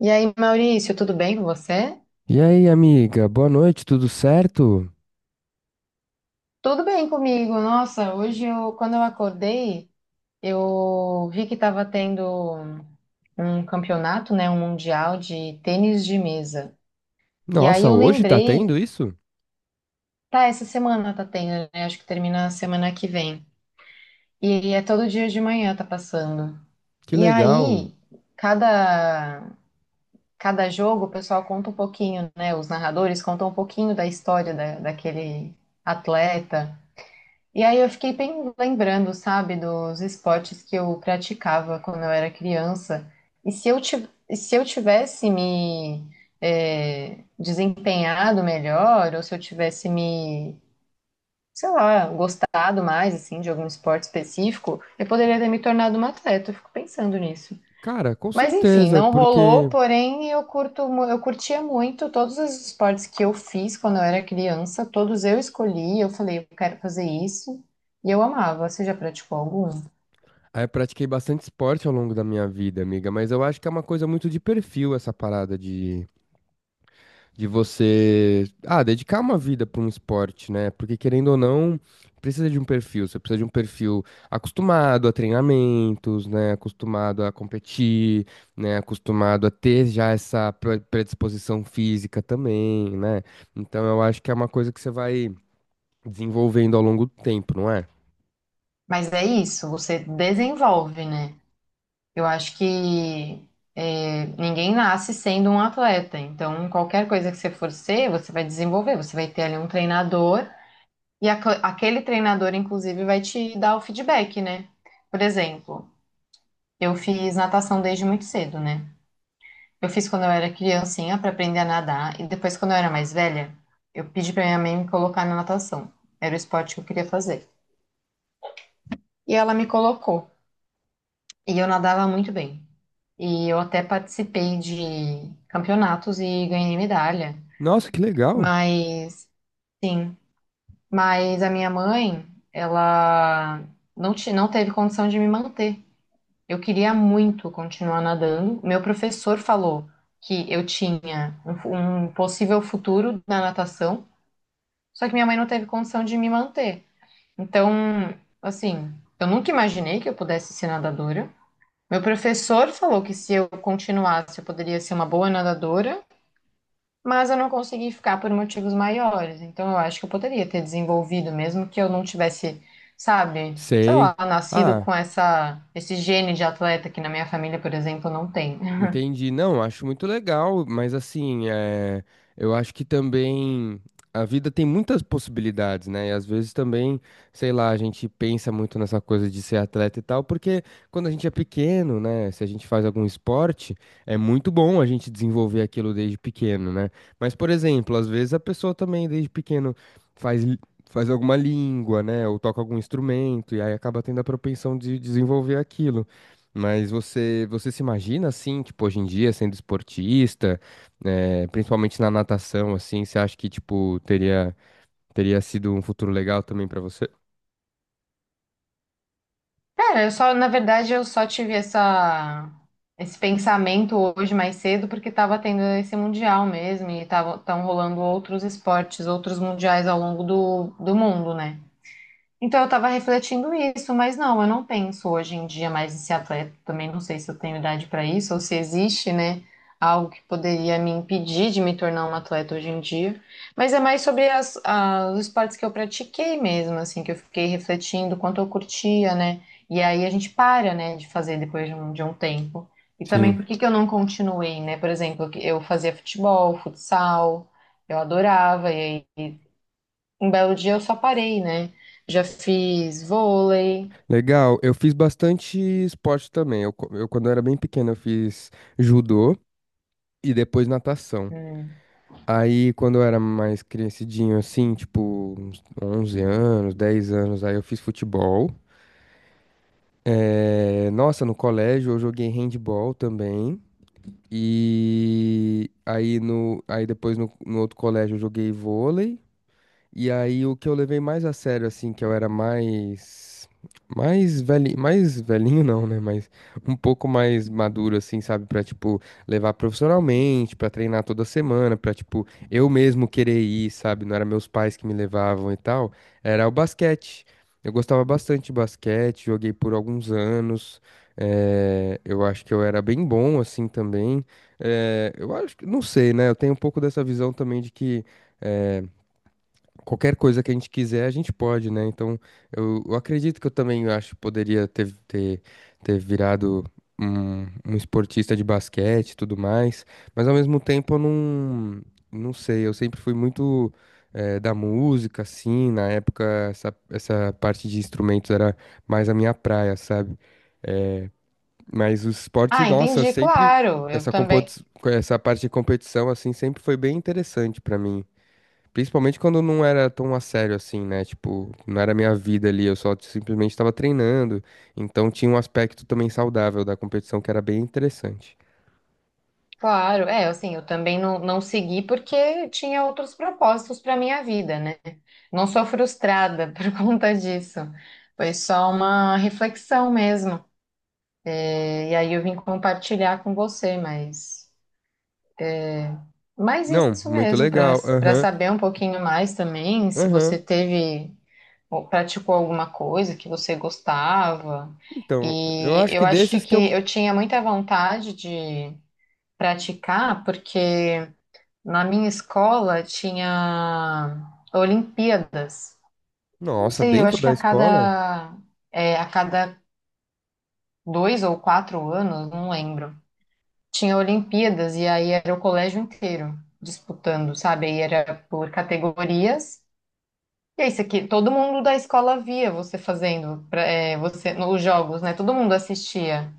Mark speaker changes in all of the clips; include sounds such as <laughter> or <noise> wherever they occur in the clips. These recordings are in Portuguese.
Speaker 1: E aí, Maurício, tudo bem com você?
Speaker 2: E aí, amiga, boa noite, tudo certo?
Speaker 1: Tudo bem comigo. Nossa, hoje eu, quando eu acordei, eu vi que estava tendo um campeonato, né, um mundial de tênis de mesa. E aí
Speaker 2: Nossa,
Speaker 1: eu
Speaker 2: hoje tá
Speaker 1: lembrei,
Speaker 2: tendo isso?
Speaker 1: tá, essa semana tá tendo, né? Acho que termina a semana que vem. E é todo dia de manhã tá passando.
Speaker 2: Que
Speaker 1: E
Speaker 2: legal.
Speaker 1: aí, cada cada jogo, o pessoal conta um pouquinho, né? Os narradores contam um pouquinho da história da, daquele atleta. E aí eu fiquei bem lembrando, sabe, dos esportes que eu praticava quando eu era criança. E se e se eu tivesse me desempenhado melhor, ou se eu tivesse me, sei lá, gostado mais, assim, de algum esporte específico, eu poderia ter me tornado uma atleta. Eu fico pensando nisso.
Speaker 2: Cara, com
Speaker 1: Mas enfim,
Speaker 2: certeza,
Speaker 1: não rolou,
Speaker 2: porque
Speaker 1: porém eu eu curtia muito todos os esportes que eu fiz quando eu era criança, todos eu escolhi, eu falei, eu quero fazer isso, e eu amava. Você já praticou algum?
Speaker 2: eu pratiquei bastante esporte ao longo da minha vida, amiga, mas eu acho que é uma coisa muito de perfil essa parada de você, dedicar uma vida para um esporte, né? Porque querendo ou não, precisa de um perfil. Você precisa de um perfil acostumado a treinamentos, né? Acostumado a competir, né? Acostumado a ter já essa predisposição física também, né? Então eu acho que é uma coisa que você vai desenvolvendo ao longo do tempo, não é?
Speaker 1: Mas é isso, você desenvolve, né? Eu acho que ninguém nasce sendo um atleta, então qualquer coisa que você for ser, você vai desenvolver, você vai ter ali um treinador, e aquele treinador, inclusive, vai te dar o feedback, né? Por exemplo, eu fiz natação desde muito cedo, né? Eu fiz quando eu era criancinha para aprender a nadar e depois quando eu era mais velha, eu pedi para minha mãe me colocar na natação. Era o esporte que eu queria fazer. E ela me colocou e eu nadava muito bem. E eu até participei de campeonatos e ganhei medalha.
Speaker 2: Nossa, que legal.
Speaker 1: Mas sim, mas a minha mãe, ela não teve condição de me manter. Eu queria muito continuar nadando. Meu professor falou que eu tinha um possível futuro na natação, só que minha mãe não teve condição de me manter. Então, assim, eu nunca imaginei que eu pudesse ser nadadora. Meu professor falou que se eu continuasse, eu poderia ser uma boa nadadora. Mas eu não consegui ficar por motivos maiores. Então eu acho que eu poderia ter desenvolvido, mesmo que eu não tivesse, sabe, sei
Speaker 2: Sei.
Speaker 1: lá, nascido
Speaker 2: Ah.
Speaker 1: com essa, esse gene de atleta que na minha família, por exemplo, não tem.
Speaker 2: Entendi. Não, acho muito legal, mas assim, eu acho que também a vida tem muitas possibilidades, né? E às vezes também, sei lá, a gente pensa muito nessa coisa de ser atleta e tal, porque quando a gente é pequeno, né? Se a gente faz algum esporte, é muito bom a gente desenvolver aquilo desde pequeno, né? Mas, por exemplo, às vezes a pessoa também desde pequeno faz. Faz alguma língua, né? Ou toca algum instrumento, e aí acaba tendo a propensão de desenvolver aquilo. Mas você se imagina assim, tipo, hoje em dia sendo esportista, principalmente na natação, assim, você acha que, tipo, teria sido um futuro legal também pra você?
Speaker 1: Cara, eu só, na verdade, eu só tive essa, esse pensamento hoje mais cedo porque tava tendo esse mundial mesmo e tava, tão rolando outros esportes, outros mundiais ao longo do mundo, né? Então, eu tava refletindo isso, mas não, eu não penso hoje em dia mais em ser atleta. Também não sei se eu tenho idade para isso ou se existe, né, algo que poderia me impedir de me tornar uma atleta hoje em dia. Mas é mais sobre os esportes que eu pratiquei mesmo, assim, que eu fiquei refletindo quanto eu curtia, né? E aí a gente para, né, de fazer depois de de um tempo. E também
Speaker 2: Sim,
Speaker 1: por que que eu não continuei, né? Por exemplo, eu fazia futebol, futsal, eu adorava, e aí. Um belo dia eu só parei, né? Já fiz vôlei.
Speaker 2: legal. Eu fiz bastante esporte também. Eu, quando eu era bem pequeno, eu fiz judô e depois natação.
Speaker 1: Hum.
Speaker 2: Aí, quando eu era mais crescidinho, assim, tipo, uns 11 anos, 10 anos, aí eu fiz futebol. Nossa, no colégio eu joguei handball também. E aí, aí depois no outro colégio eu joguei vôlei. E aí o que eu levei mais a sério, assim, que eu era mais. Mais velhinho não, né? Mas um pouco mais maduro, assim, sabe? Pra, tipo, levar profissionalmente, pra treinar toda semana, pra, tipo, eu mesmo querer ir, sabe? Não era meus pais que me levavam e tal. Era o basquete. Eu gostava bastante de basquete, joguei por alguns anos. Eu acho que eu era bem bom, assim, também. Eu acho que, não sei, né? Eu tenho um pouco dessa visão também de que. Qualquer coisa que a gente quiser, a gente pode, né? Então, eu acredito que eu também acho que poderia ter virado um esportista de basquete e tudo mais, mas ao mesmo tempo eu não sei, eu sempre fui muito da música, assim, na época essa parte de instrumentos era mais a minha praia, sabe? Mas o esporte,
Speaker 1: Ah,
Speaker 2: nossa,
Speaker 1: entendi,
Speaker 2: sempre,
Speaker 1: claro. Eu também,
Speaker 2: essa parte de competição, assim, sempre foi bem interessante pra mim. Principalmente quando não era tão a sério assim, né? Tipo, não era minha vida ali, eu só simplesmente estava treinando. Então tinha um aspecto também saudável da competição que era bem interessante.
Speaker 1: claro. É, assim, eu também não, não segui porque tinha outros propósitos para minha vida, né? Não sou frustrada <laughs> por conta disso. Foi só uma reflexão mesmo. E aí eu vim compartilhar com você, mas
Speaker 2: Não,
Speaker 1: isso
Speaker 2: muito
Speaker 1: mesmo,
Speaker 2: legal.
Speaker 1: para
Speaker 2: Aham,
Speaker 1: saber um pouquinho mais também, se
Speaker 2: aham.
Speaker 1: você teve ou praticou alguma coisa que você gostava.
Speaker 2: Então, eu
Speaker 1: E
Speaker 2: acho que
Speaker 1: eu acho
Speaker 2: desses que
Speaker 1: que
Speaker 2: eu.
Speaker 1: eu tinha muita vontade de praticar, porque na minha escola tinha Olimpíadas. Não
Speaker 2: Nossa,
Speaker 1: sei, eu
Speaker 2: dentro
Speaker 1: acho que
Speaker 2: da
Speaker 1: a
Speaker 2: escola?
Speaker 1: cada, é, a cada dois ou quatro anos, não lembro. Tinha Olimpíadas e aí era o colégio inteiro disputando, sabe? Aí era por categorias. E é isso aqui, todo mundo da escola via você você, os jogos, né? Todo mundo assistia.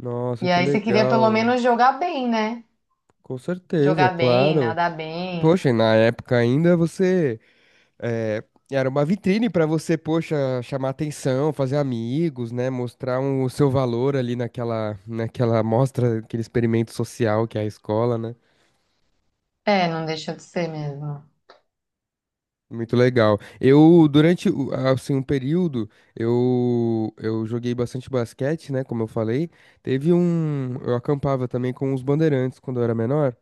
Speaker 2: Nossa,
Speaker 1: E
Speaker 2: que
Speaker 1: aí você queria pelo
Speaker 2: legal.
Speaker 1: menos jogar bem, né?
Speaker 2: Com certeza,
Speaker 1: Jogar bem,
Speaker 2: claro.
Speaker 1: nadar bem.
Speaker 2: Poxa, e na época ainda você. É, era uma vitrine para você, poxa, chamar atenção, fazer amigos, né? Mostrar o seu valor ali naquela, naquela mostra, aquele experimento social que é a escola, né?
Speaker 1: É, não deixa de ser mesmo.
Speaker 2: Muito legal. Assim, um período, eu joguei bastante basquete, né, como eu falei. Teve um, eu acampava também com os bandeirantes quando eu era menor.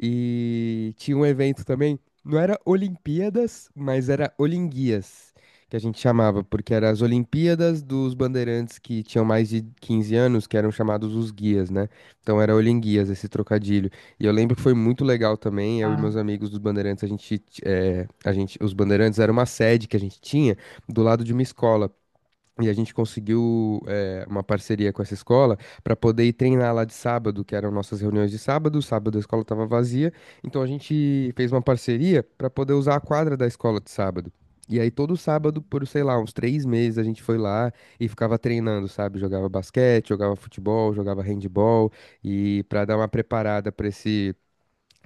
Speaker 2: E tinha um evento também, não era Olimpíadas, mas era Olinguias, que a gente chamava, porque eram as Olimpíadas dos bandeirantes que tinham mais de 15 anos, que eram chamados os guias, né? Então era Olinguias, esse trocadilho. E eu lembro que foi muito legal também, eu e meus
Speaker 1: Tá?
Speaker 2: amigos dos Bandeirantes, a gente, os Bandeirantes era uma sede que a gente tinha do lado de uma escola. E a gente conseguiu, uma parceria com essa escola para poder ir treinar lá de sábado, que eram nossas reuniões de sábado. Sábado a escola estava vazia, então a gente fez uma parceria para poder usar a quadra da escola de sábado. E aí todo sábado, por sei lá, uns três meses, a gente foi lá e ficava treinando, sabe? Jogava basquete, jogava futebol, jogava handball e para dar uma preparada para esse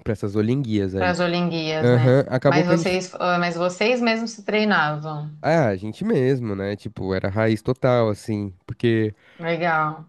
Speaker 2: Pra essas olinguias
Speaker 1: Para
Speaker 2: aí.
Speaker 1: as Olimpíadas, né?
Speaker 2: Aham, acabou
Speaker 1: Mas
Speaker 2: que a gente.
Speaker 1: vocês, ah, mas vocês mesmos se treinavam.
Speaker 2: Ah, a gente mesmo, né? Tipo, era raiz total, assim. Porque
Speaker 1: Legal.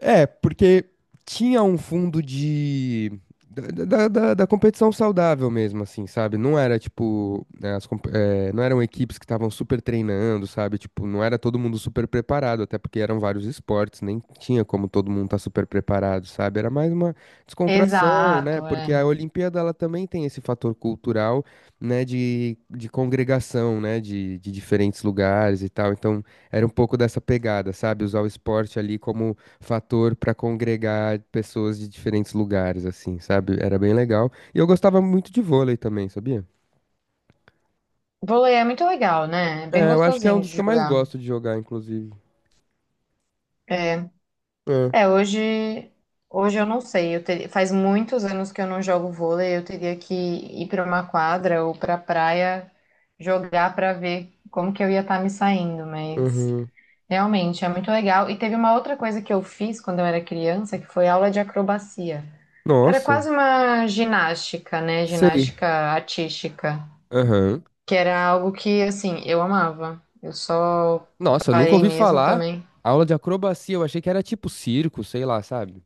Speaker 2: É, porque tinha um fundo de. Da competição saudável mesmo, assim, sabe? Não era tipo. Né, as não eram equipes que estavam super treinando, sabe? Tipo, não era todo mundo super preparado, até porque eram vários esportes, nem tinha como todo mundo estar super preparado, sabe? Era mais uma descontração, né?
Speaker 1: Exato,
Speaker 2: Porque
Speaker 1: é.
Speaker 2: a Olimpíada, ela também tem esse fator cultural, né? De congregação, né? De diferentes lugares e tal. Então, era um pouco dessa pegada, sabe? Usar o esporte ali como fator para congregar pessoas de diferentes lugares, assim, sabe? Era bem legal. E eu gostava muito de vôlei também, sabia?
Speaker 1: Vôlei é muito legal, né? É bem
Speaker 2: É, eu acho que é um
Speaker 1: gostosinho
Speaker 2: dos que
Speaker 1: de
Speaker 2: eu mais
Speaker 1: jogar.
Speaker 2: gosto de jogar, inclusive.
Speaker 1: É.
Speaker 2: É,
Speaker 1: É, hoje, hoje eu não sei. Eu teria, faz muitos anos que eu não jogo vôlei. Eu teria que ir para uma quadra ou para praia jogar para ver como que eu ia estar me saindo. Mas
Speaker 2: aham.
Speaker 1: realmente é muito legal. E teve uma outra coisa que eu fiz quando eu era criança, que foi aula de acrobacia, que era
Speaker 2: Nossa,
Speaker 1: quase uma ginástica, né?
Speaker 2: sei.
Speaker 1: Ginástica artística,
Speaker 2: Aham.
Speaker 1: que era algo que assim eu amava. Eu só
Speaker 2: Nossa, nunca
Speaker 1: parei
Speaker 2: ouvi
Speaker 1: mesmo
Speaker 2: falar.
Speaker 1: também.
Speaker 2: Aula de acrobacia, eu achei que era tipo circo, sei lá, sabe?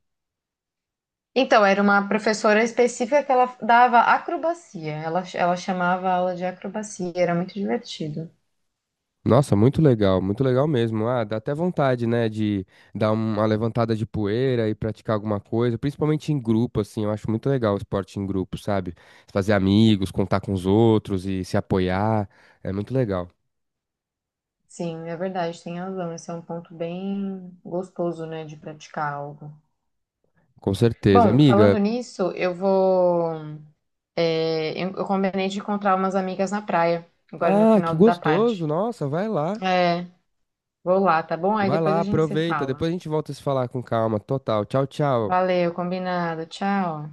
Speaker 1: Então, era uma professora específica que ela dava acrobacia. Ela chamava a aula de acrobacia, era muito divertido.
Speaker 2: Nossa, muito legal mesmo. Ah, dá até vontade, né, de dar uma levantada de poeira e praticar alguma coisa, principalmente em grupo, assim. Eu acho muito legal o esporte em grupo, sabe? Fazer amigos, contar com os outros e se apoiar. É muito legal,
Speaker 1: Sim, é verdade, tem razão. Esse é um ponto bem gostoso, né, de praticar algo.
Speaker 2: com certeza.
Speaker 1: Bom, falando
Speaker 2: Amiga,
Speaker 1: nisso, eu vou. É, eu combinei de encontrar umas amigas na praia, agora no
Speaker 2: ah,
Speaker 1: final
Speaker 2: que
Speaker 1: da
Speaker 2: gostoso.
Speaker 1: tarde.
Speaker 2: Nossa, vai lá.
Speaker 1: É, vou lá, tá bom? Aí
Speaker 2: Vai
Speaker 1: depois
Speaker 2: lá,
Speaker 1: a gente se
Speaker 2: aproveita. Depois
Speaker 1: fala.
Speaker 2: a gente volta a se falar com calma. Total. Tchau, tchau.
Speaker 1: Valeu, combinado. Tchau.